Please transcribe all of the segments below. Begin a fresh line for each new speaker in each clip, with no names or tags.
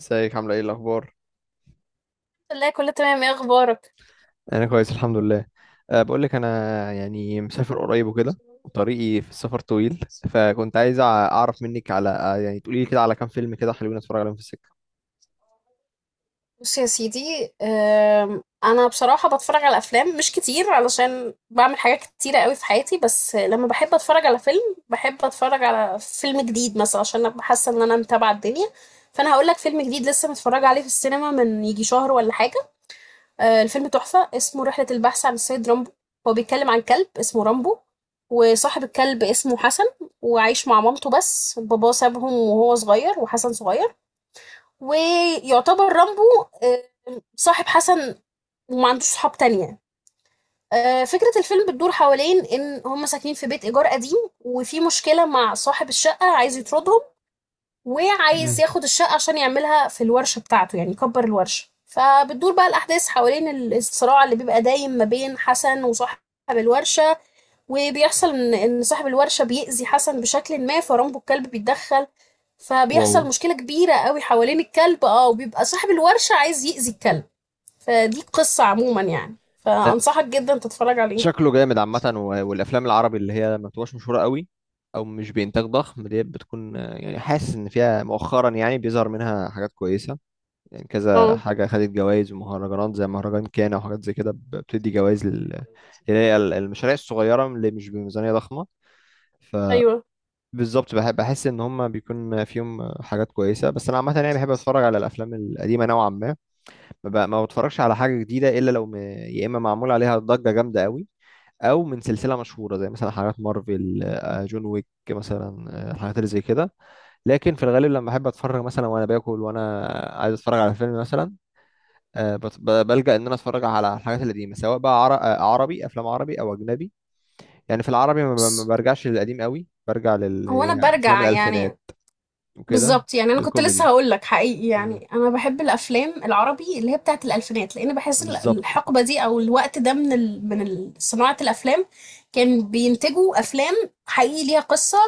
ازيك؟ عامله ايه؟ الاخبار؟
لا، كله تمام. ايه اخبارك؟
انا كويس، الحمد لله. أه، بقول لك انا يعني مسافر قريب وكده، وطريقي في السفر طويل، فكنت عايز اعرف منك على يعني تقولي لي كده على كام فيلم كده حلوين اتفرج عليهم في السكه.
بص يا سيدي، انا بصراحه بتفرج على افلام مش كتير علشان بعمل حاجات كتيره قوي في حياتي، بس لما بحب اتفرج على فيلم بحب اتفرج على فيلم جديد مثلا عشان ابقى حاسه ان انا متابعه الدنيا. فانا هقول لك فيلم جديد لسه متفرجه عليه في السينما من يجي شهر ولا حاجه. الفيلم تحفه، اسمه رحله البحث عن السيد رامبو. هو بيتكلم عن كلب اسمه رامبو، وصاحب الكلب اسمه حسن، وعايش مع مامته، بس باباه سابهم وهو صغير وحسن صغير. ويعتبر رامبو صاحب حسن، وما عندوش صحاب تانية. فكرة الفيلم بتدور حوالين إن هم ساكنين في بيت إيجار قديم، وفي مشكلة مع صاحب الشقة عايز يطردهم وعايز
امم.
ياخد الشقة عشان يعملها في الورشة بتاعته، يعني يكبر الورشة. فبتدور بقى الأحداث حوالين الصراع اللي بيبقى دايم ما بين حسن وصاحب الورشة. وبيحصل إن صاحب الورشة بيأذي حسن بشكل ما، فرامبو الكلب بيتدخل،
واو.
فبيحصل مشكلة كبيرة قوي حوالين الكلب. اه، وبيبقى صاحب الورشة عايز يأذي الكلب. فدي قصة عموما يعني،
أه.
فأنصحك جدا تتفرج عليه.
شكله جامد عامه. والافلام العربي اللي هي ما بتبقاش مشهوره قوي او مش بانتاج ضخم ديت، بتكون يعني حاسس ان فيها مؤخرا يعني بيظهر منها حاجات كويسه، يعني كذا
اه.
حاجة خدت جوائز ومهرجانات زي مهرجان كانا وحاجات زي كده بتدي جوائز اللي هي المشاريع الصغيرة اللي مش بميزانية ضخمة. فبالظبط،
ايوه،
بحب، بحس إن هما بيكون فيهم حاجات كويسة، بس أنا عامة يعني بحب أتفرج على الأفلام القديمة نوعا ما، ما بتفرجش على حاجة جديدة إلا لو يا إما معمول عليها ضجة جامدة قوي، أو من سلسلة مشهورة زي مثلا حاجات مارفل، جون ويك مثلا. الحاجات اللي زي كده. لكن في الغالب لما أحب أتفرج مثلا وأنا باكل، وأنا عايز أتفرج على فيلم مثلا، بلجأ ان انا اتفرج على الحاجات القديمه، سواء بقى عربي، افلام عربي او اجنبي. يعني في العربي ما
بص،
برجعش للقديم قوي، برجع
هو انا
للافلام
برجع
الالفينات
يعني
وكده.
بالظبط. يعني انا كنت لسه
الكوميدي.
هقول لك حقيقي،
مم.
يعني انا بحب الافلام العربي اللي هي بتاعت الالفينات، لان بحس
بالظبط.
الحقبه دي او الوقت ده من صناعه الافلام، كان بينتجوا افلام حقيقي ليها قصه.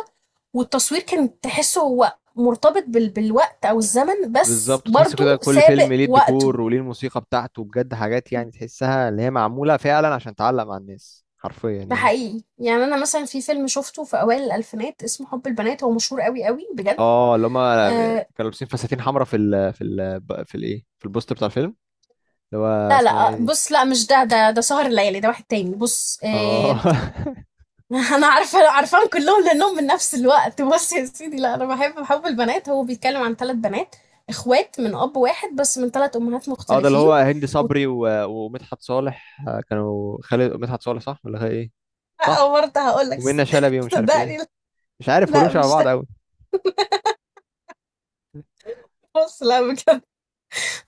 والتصوير كان تحسه هو مرتبط بالوقت او الزمن، بس
بالظبط، وتحس
برضو
كده كل فيلم
سابق
ليه
وقته.
الديكور وليه الموسيقى بتاعته، بجد حاجات يعني تحسها اللي هي معموله فعلا عشان تعلق مع الناس حرفيا
ده
يعني.
حقيقي، يعني انا مثلا في فيلم شفته في اوائل الالفينات اسمه حب البنات، هو مشهور قوي قوي بجد.
اه، اللي هما كانوا
آه،
لابسين فساتين حمراء في ال في ال في الايه في البوستر بتاع الفيلم، اللي هو
لا لا،
اسمها ايه دي؟
بص، لا مش ده سهر الليالي، ده واحد تاني. بص.
اه.
انا عارفه، عارفاهم كلهم لانهم من نفس الوقت. بص يا سيدي، لا انا بحب حب البنات، هو بيتكلم عن ثلاث بنات اخوات من اب واحد بس من ثلاث امهات
اه، ده اللي
مختلفين.
هو هند صبري ومدحت صالح، كانوا خالد مدحت صالح، صح ولا خالد ايه؟ صح.
او برضه هقول لك
ومنى شلبي ومش عارف ايه،
صدقني،
مش عارف كلهم
لا
شبه
مش
بعض
ده.
قوي.
بص، لا بجد.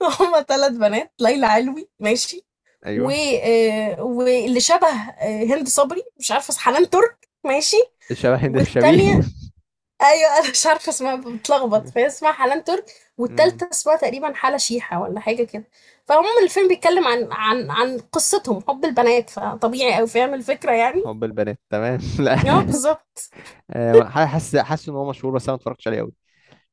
هما ثلاث بنات: ليلى علوي ماشي، و
ايوه.
واللي شبه هند صبري، مش عارفه، حنان ترك ماشي.
الشبه هند، الشبيه.
والتانية، ايوه انا مش عارفه اسمها، بتلخبط، فهي اسمها حنان ترك،
امم.
والتالتة اسمها تقريبا حالة شيحة ولا حاجه كده. فعموما الفيلم بيتكلم عن قصتهم، حب البنات، فطبيعي او فاهم الفكره يعني.
حب البنات، تمام. لا.
اه بالظبط.
حاسس ان هو مشهور، بس انا ما اتفرجتش عليه قوي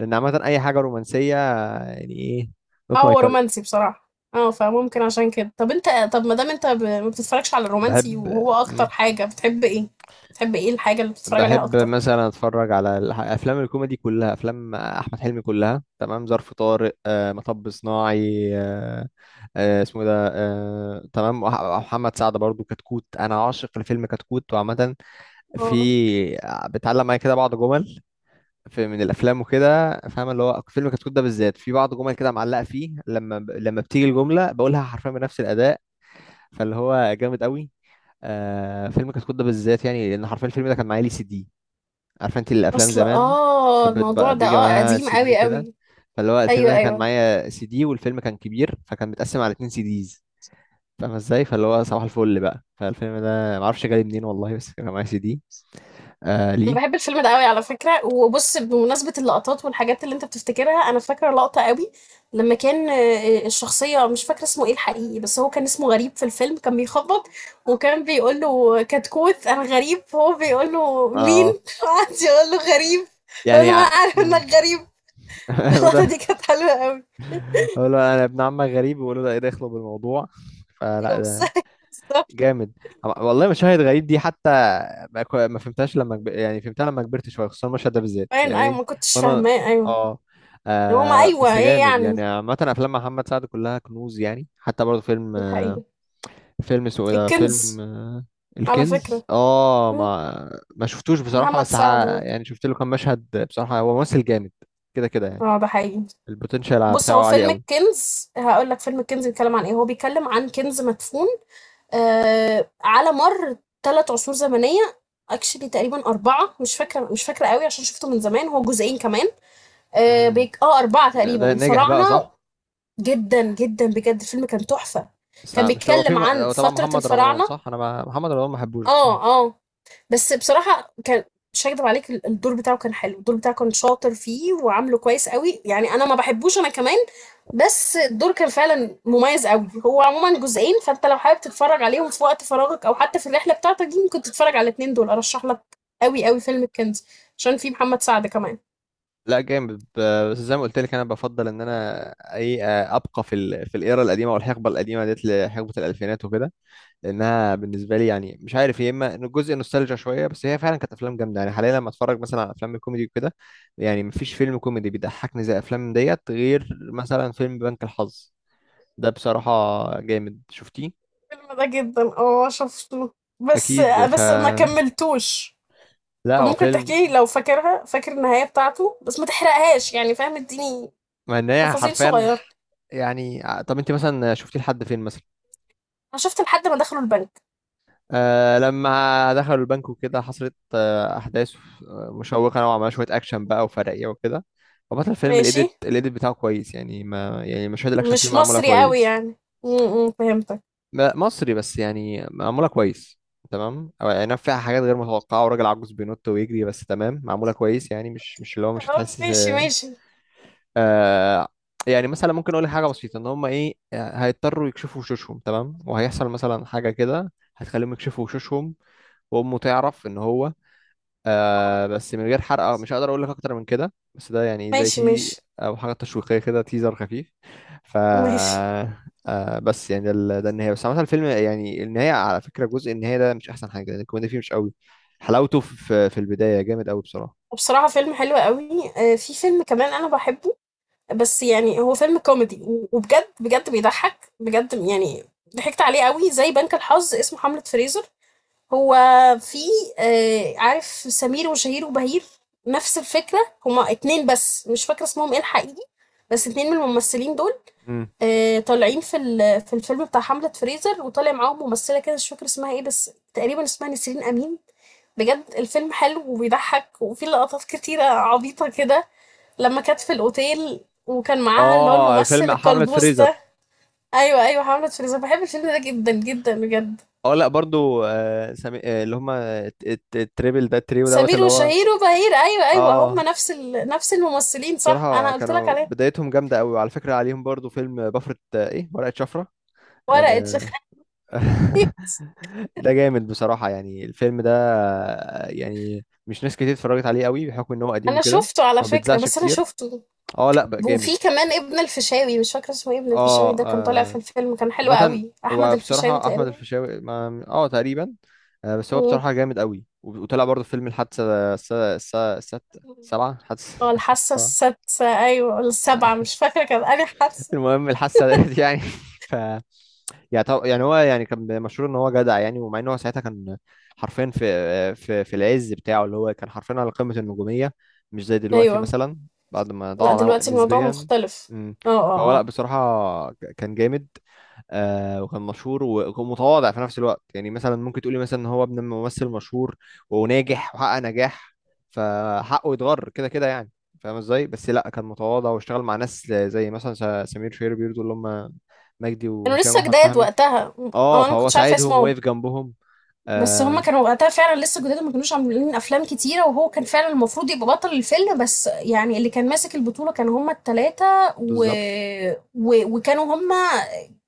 لان عامه اي حاجه رومانسيه، يعني ايه،
اه
نوت ماي
هو
تايب.
رومانسي بصراحه. اه فممكن عشان كده. طب انت، طب ما دام انت ما بتتفرجش على الرومانسي،
بحب
وهو اكتر
مم.
حاجه بتحب ايه، بتحب ايه الحاجه اللي بتتفرج عليها
بحب
اكتر؟
مثلا اتفرج على افلام الكوميدي كلها، افلام احمد حلمي كلها تمام، ظرف طارق، مطب صناعي، اسمه إيه ده، آه تمام، محمد سعد برضو، كتكوت، انا عاشق لفيلم كتكوت، وعامه في،
اه.
بتعلم معايا كده بعض جمل في من الافلام وكده، فاهم؟ اللي هو فيلم كتكوت ده بالذات في بعض جمل كده معلقه فيه، لما بتيجي الجمله بقولها حرفيا بنفس الاداء، فاللي هو جامد قوي. فيلم كتكوت ده بالذات يعني، لان حرفيا الفيلم ده كان معايا لي سي دي. عارفه انت الافلام
اصل
زمان؟ كانت
الموضوع
بتبقى
ده
بيجي معاها
قديم
سي دي
قوي
وكده،
قوي.
فاللي هو الفيلم
ايوه
ده كان
ايوه،
معايا سي دي، والفيلم كان كبير فكان متقسم على اتنين سي ديز. فاهم ازاي؟ فاللي هو صباح الفل بقى، فالفيلم ده معرفش جالي منين والله، بس كان معايا سي دي.
انا
ليه.
بحب الفيلم ده قوي على فكره. وبص، بمناسبه اللقطات والحاجات اللي انت بتفتكرها، انا فاكره لقطه قوي لما كان الشخصيه، مش فاكره اسمه ايه الحقيقي، بس هو كان اسمه غريب في الفيلم. كان بيخبط وكان بيقول له: كتكوت، انا غريب. هو بيقول له: مين؟
اه،
وقعد يقول له: غريب. بيقول
يعني
له: ما انا عارف
مم.
انك غريب. اللقطه
وده،
دي كانت حلوه قوي.
اقول له انا ابن عمك غريب، ويقول له ده ايه دخله بالموضوع. فلا
ايوه بس،
ده
بالظبط.
جامد والله. مشاهد غريب دي حتى، ما فهمتهاش لما يعني فهمتها لما كبرت شويه، خصوصا المشهد ده بالذات
باين، ايوه،
يعني.
ما كنتش
وانا،
فاهماه. ايوه
اه.
هما،
بس
ايوه ايه
جامد
يعني.
يعني. عامة أفلام محمد سعد كلها كنوز يعني، حتى برضه فيلم
الحقيقي،
فيلم اسمه ايه ده، فيلم
الكنز. على
الكنز.
فكره.
اه،
مم.
ما شفتوش بصراحة،
محمد
بس
سعد.
يعني شفت له كام مشهد بصراحة، هو ممثل جامد كده كده يعني،
اه ده حقيقي.
البوتنشال
بص، هو
بتاعه عالي
فيلم
قوي.
الكنز، هقول لك فيلم الكنز بيتكلم عن ايه. هو بيتكلم عن كنز مدفون على مر ثلاث عصور زمنيه. اكشلي تقريبا اربعه، مش فاكره، مش فاكره قوي عشان شفته من زمان، هو جزئين كمان. اه،
امم.
بيك... آه اربعه تقريبا،
ده ناجح بقى،
الفراعنه.
صح؟
جدا جدا بجد الفيلم كان تحفه.
بس
كان
مش هو في
بيتكلم عن
هو طبعا
فتره
محمد رمضان،
الفراعنه.
صح؟ انا ما... محمد رمضان ما بحبوش
اه
بصراحة.
اه. بس بصراحة كان، مش هكدب عليك، الدور بتاعه كان حلو، الدور بتاعه كان شاطر فيه وعامله كويس قوي. يعني انا ما بحبوش انا كمان، بس الدور كان فعلا مميز قوي. هو عموما جزئين، فانت لو حابب تتفرج عليهم في وقت فراغك او حتى في الرحلة بتاعتك دي، ممكن تتفرج على الاتنين دول، ارشح لك قوي قوي فيلم الكنز، عشان فيه محمد سعد كمان.
لا جامد، بس زي ما قلت لك، انا بفضل ان انا اي ابقى في الايرا القديمة والحقبة القديمة ديت، لحقبة الالفينات وكده، لانها بالنسبه لي يعني مش عارف، يا اما إنه جزء نوستالجيا شويه، بس هي فعلا كانت افلام جامده. يعني حاليا لما اتفرج مثلا على افلام الكوميدي وكده، يعني مفيش فيلم كوميدي بيضحكني زي افلام ديت، غير مثلا فيلم بنك الحظ، ده بصراحه جامد. شفتيه؟
الفيلم ده جدا. اه شفته بس،
اكيد.
بس ما كملتوش.
لا هو
فممكن
فيلم،
تحكي لي لو فاكرها، فاكر النهاية بتاعته، بس ما تحرقهاش يعني، فاهم، اديني
مع ان هي
تفاصيل
حرفيا،
صغيرة.
يعني طب انت مثلا شفتي لحد فين مثلا؟
انا شفت لحد ما دخلوا البنك.
لما دخلوا البنك وكده حصلت أحداث مشوقة نوعا ما، شوية أكشن بقى وفرقية وكده، فبطل الفيلم
ماشي.
الإيديت بتاعه كويس، يعني ما يعني مشاهد الأكشن فيه
مش
معمولة
مصري قوي
كويس.
يعني؟ امم، فهمتك.
مصري، بس يعني معمولة كويس تمام، أو يعني فيها حاجات غير متوقعة وراجل عجوز بينط ويجري، بس تمام معمولة كويس، يعني مش اللي هو مش
اه
هتحس.
ماشي ماشي.
آه يعني مثلا ممكن أقول لك حاجة بسيطة، إن هما إيه، هيضطروا يكشفوا وشوشهم، تمام، وهيحصل مثلا حاجة كده هتخليهم يكشفوا وشوشهم، وأمه تعرف إن هو،
آه،
بس من غير حرق، مش هقدر اقول لك اكتر من كده، بس ده يعني زي
ماشي،
تي
ماشي
او حاجه تشويقيه كده، تيزر خفيف. ف
ماشي.
بس يعني ده النهايه، بس عامه الفيلم يعني، النهايه على فكره جزء النهايه ده مش احسن حاجه لان الكوميديا فيه مش قوي، حلاوته في البدايه جامد قوي بصراحه.
وبصراحة فيلم حلو قوي. في فيلم كمان انا بحبه، بس يعني هو فيلم كوميدي وبجد بجد بيضحك بجد يعني، ضحكت عليه قوي زي بنك الحظ، اسمه حملة فريزر. هو في عارف سمير وشهير وبهير؟ نفس الفكرة. هما اتنين بس مش فاكرة اسمهم ايه الحقيقي، بس اتنين من الممثلين دول
مم.
طالعين في في الفيلم بتاع حملة فريزر، وطالع معاهم ممثلة كده مش فاكرة اسمها ايه، بس تقريبا اسمها نسرين أمين. بجد الفيلم حلو وبيضحك وفيه لقطات كتيرة عبيطة كده، لما كانت في الأوتيل وكان معاها اللي هو
اه،
الممثل
الفيلم حملة
الكلبوز ده.
فريزر.
أيوة أيوة، حملة فريزر، بحب الفيلم ده جدا جدا بجد.
اه لا برضو، سامي، اللي هما التريبل ده، التريو دوت،
سمير
اللي هو،
وشهير وبهير، أيوة أيوة،
اه
هما نفس الممثلين، صح،
بصراحة
أنا قلت لك
كانوا
عليه.
بدايتهم جامدة قوي، وعلى فكرة عليهم برضو فيلم بفرة ايه، ورقة شفرة.
ورقة.
آه، ده جامد بصراحة، يعني الفيلم ده يعني مش ناس كتير اتفرجت عليه قوي بحكم ان هو قديم
أنا
وكده،
شفته على
ما
فكرة،
بيتذاعش
بس أنا
كتير.
شفته.
اه لا بقى جامد.
وفي كمان ابن الفيشاوي، مش فاكرة اسمه ايه، ابن الفيشاوي
اه،
ده كان طالع في الفيلم، كان حلو
مثلا،
قوي، أحمد
هو
الفيشاوي
بصراحة احمد
تقريبا.
الفيشاوي اه تقريبا، بس هو
مم.
بصراحة جامد قوي، وطلع برضه في فيلم الحادثة الست، سبعة، حادثة
اه، الحاسة
السبعة،
السادسة، أيوة ولا السابعة، مش فاكرة، كان أنا حاسة.
المهم الحادثة ديت يعني. ف يعني طب يعني، هو يعني كان مشهور ان هو جدع يعني، ومع ان هو ساعتها كان حرفيا في العز بتاعه، اللي هو كان حرفيا على قمة النجومية، مش زي دلوقتي
أيوة.
مثلا، بعد ما
لا
ضاع
دلوقتي الموضوع
نسبيا.
مختلف.
مم.
اه
فهو
اه
لا
اه.
بصراحة كان جامد، وكان مشهور وكان متواضع في نفس الوقت، يعني مثلا ممكن تقولي مثلا ان هو ابن ممثل مشهور وناجح وحقق نجاح، فحقه يتغر كده كده يعني، فاهم ازاي؟ بس لا كان متواضع واشتغل مع ناس زي مثلا سمير شهير بيرضو، اللي هم مجدي
كانوا
وهشام
لسه
واحمد
جداد
فهمي،
وقتها. اه
اه
أنا
فهو
مكنتش عارفة
ساعدهم
اسمهم.
واقف جنبهم.
بس هما
آه.
كانوا وقتها فعلا لسه جداد وما كانوش عاملين افلام كتيره، وهو كان فعلا المفروض يبقى بطل الفيلم، بس يعني اللي كان ماسك البطوله كانوا هما التلاته. و...
بالظبط.
و... وكانوا هما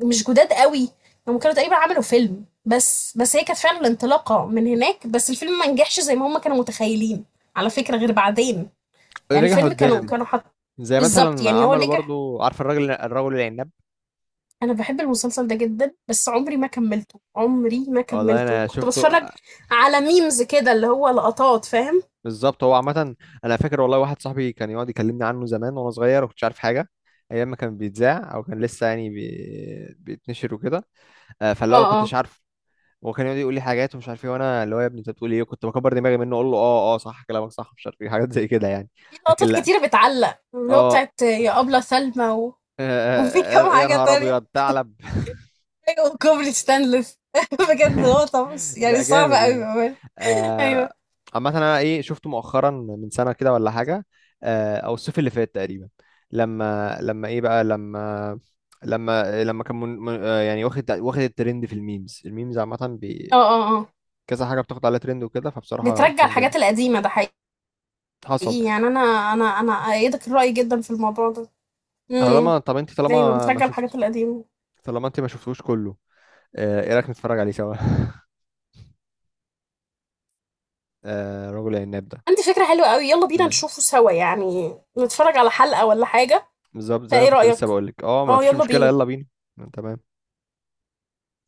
مش جداد قوي. هما كانوا تقريبا عملوا فيلم بس هي كانت فعلا الانطلاقه من هناك، بس الفيلم ما نجحش زي ما هما كانوا متخيلين، على فكره غير بعدين. يعني
نجح
الفيلم كانوا
قدام،
كانوا حط،
زي
بالظبط،
مثلا
يعني هو
عملوا
نجح.
برضو، عارف الرجل العناب؟
أنا باحب المسلسل ده جدًا، بس عمري ما كمّلته، عمري ما
والله
كمّلته.
انا
كنت
شفته
باتفرّج على memes كده، اللي هو لقطات، فاهم؟
بالظبط، هو عامه انا فاكر والله، واحد صاحبي كان يقعد يكلمني عنه زمان وانا صغير، وكنتش عارف حاجه، ايام ما كان بيتذاع او كان لسه يعني بيتنشر وكده. فاللي هو
آه، آه.
كنتش عارف، هو كان يقعد يقول لي حاجات ومش عارف ايه، وانا اللي هو يا ابني انت بتقول ايه؟ كنت بكبر دماغي منه، اقول له اه، اه، صح كلامك، صح، مش عارف ايه، حاجات زي كده يعني.
في
لكن
لقطات
لا،
كتيرة بتعلّق، اللي هو
اه.
بتاعة يا أبلة سلمى، و وفي
آه،
كام
آه، يا
حاجة
نهار
تانية،
ابيض ثعلب.
أيوه، وكوبري ستانلس. بجد لقطة، بُص
لا
يعني صعبة
جامد
أوي
يعني.
بأمانة.
آه،
أيوه.
عامة انا ايه، شفته مؤخرا من سنة كده ولا حاجة، او الصيف اللي فات تقريبا، لما لما ايه بقى، لما كان يعني واخد الترند في الميمز عامة
آه، آه، آه.
كذا حاجة بتاخد عليها ترند وكده، فبصراحة
بترجّع
كان جامد.
الحاجات القديمة، ده حقيقي.
حصل.
يعني أنا أأيّدك الرأي جدًا في الموضوع ده. إمم.
طب انت
أيوه،
طالما ما
بترجّع الحاجات
شفت،
القديمة.
طالما انت ما شفتوش كله، ايه رأيك نتفرج عليه سوا؟ رجل العناب ده.
عندي فكرة حلوة قوي، يلا بينا
مم.
نشوفه سوا، يعني نتفرج على حلقة ولا حاجة.
بالظبط، زي ما
فايه
كنت لسه
رأيك؟
بقول لك، اه ما
اه
فيش
يلا
مشكلة،
بينا.
يلا بينا. تمام.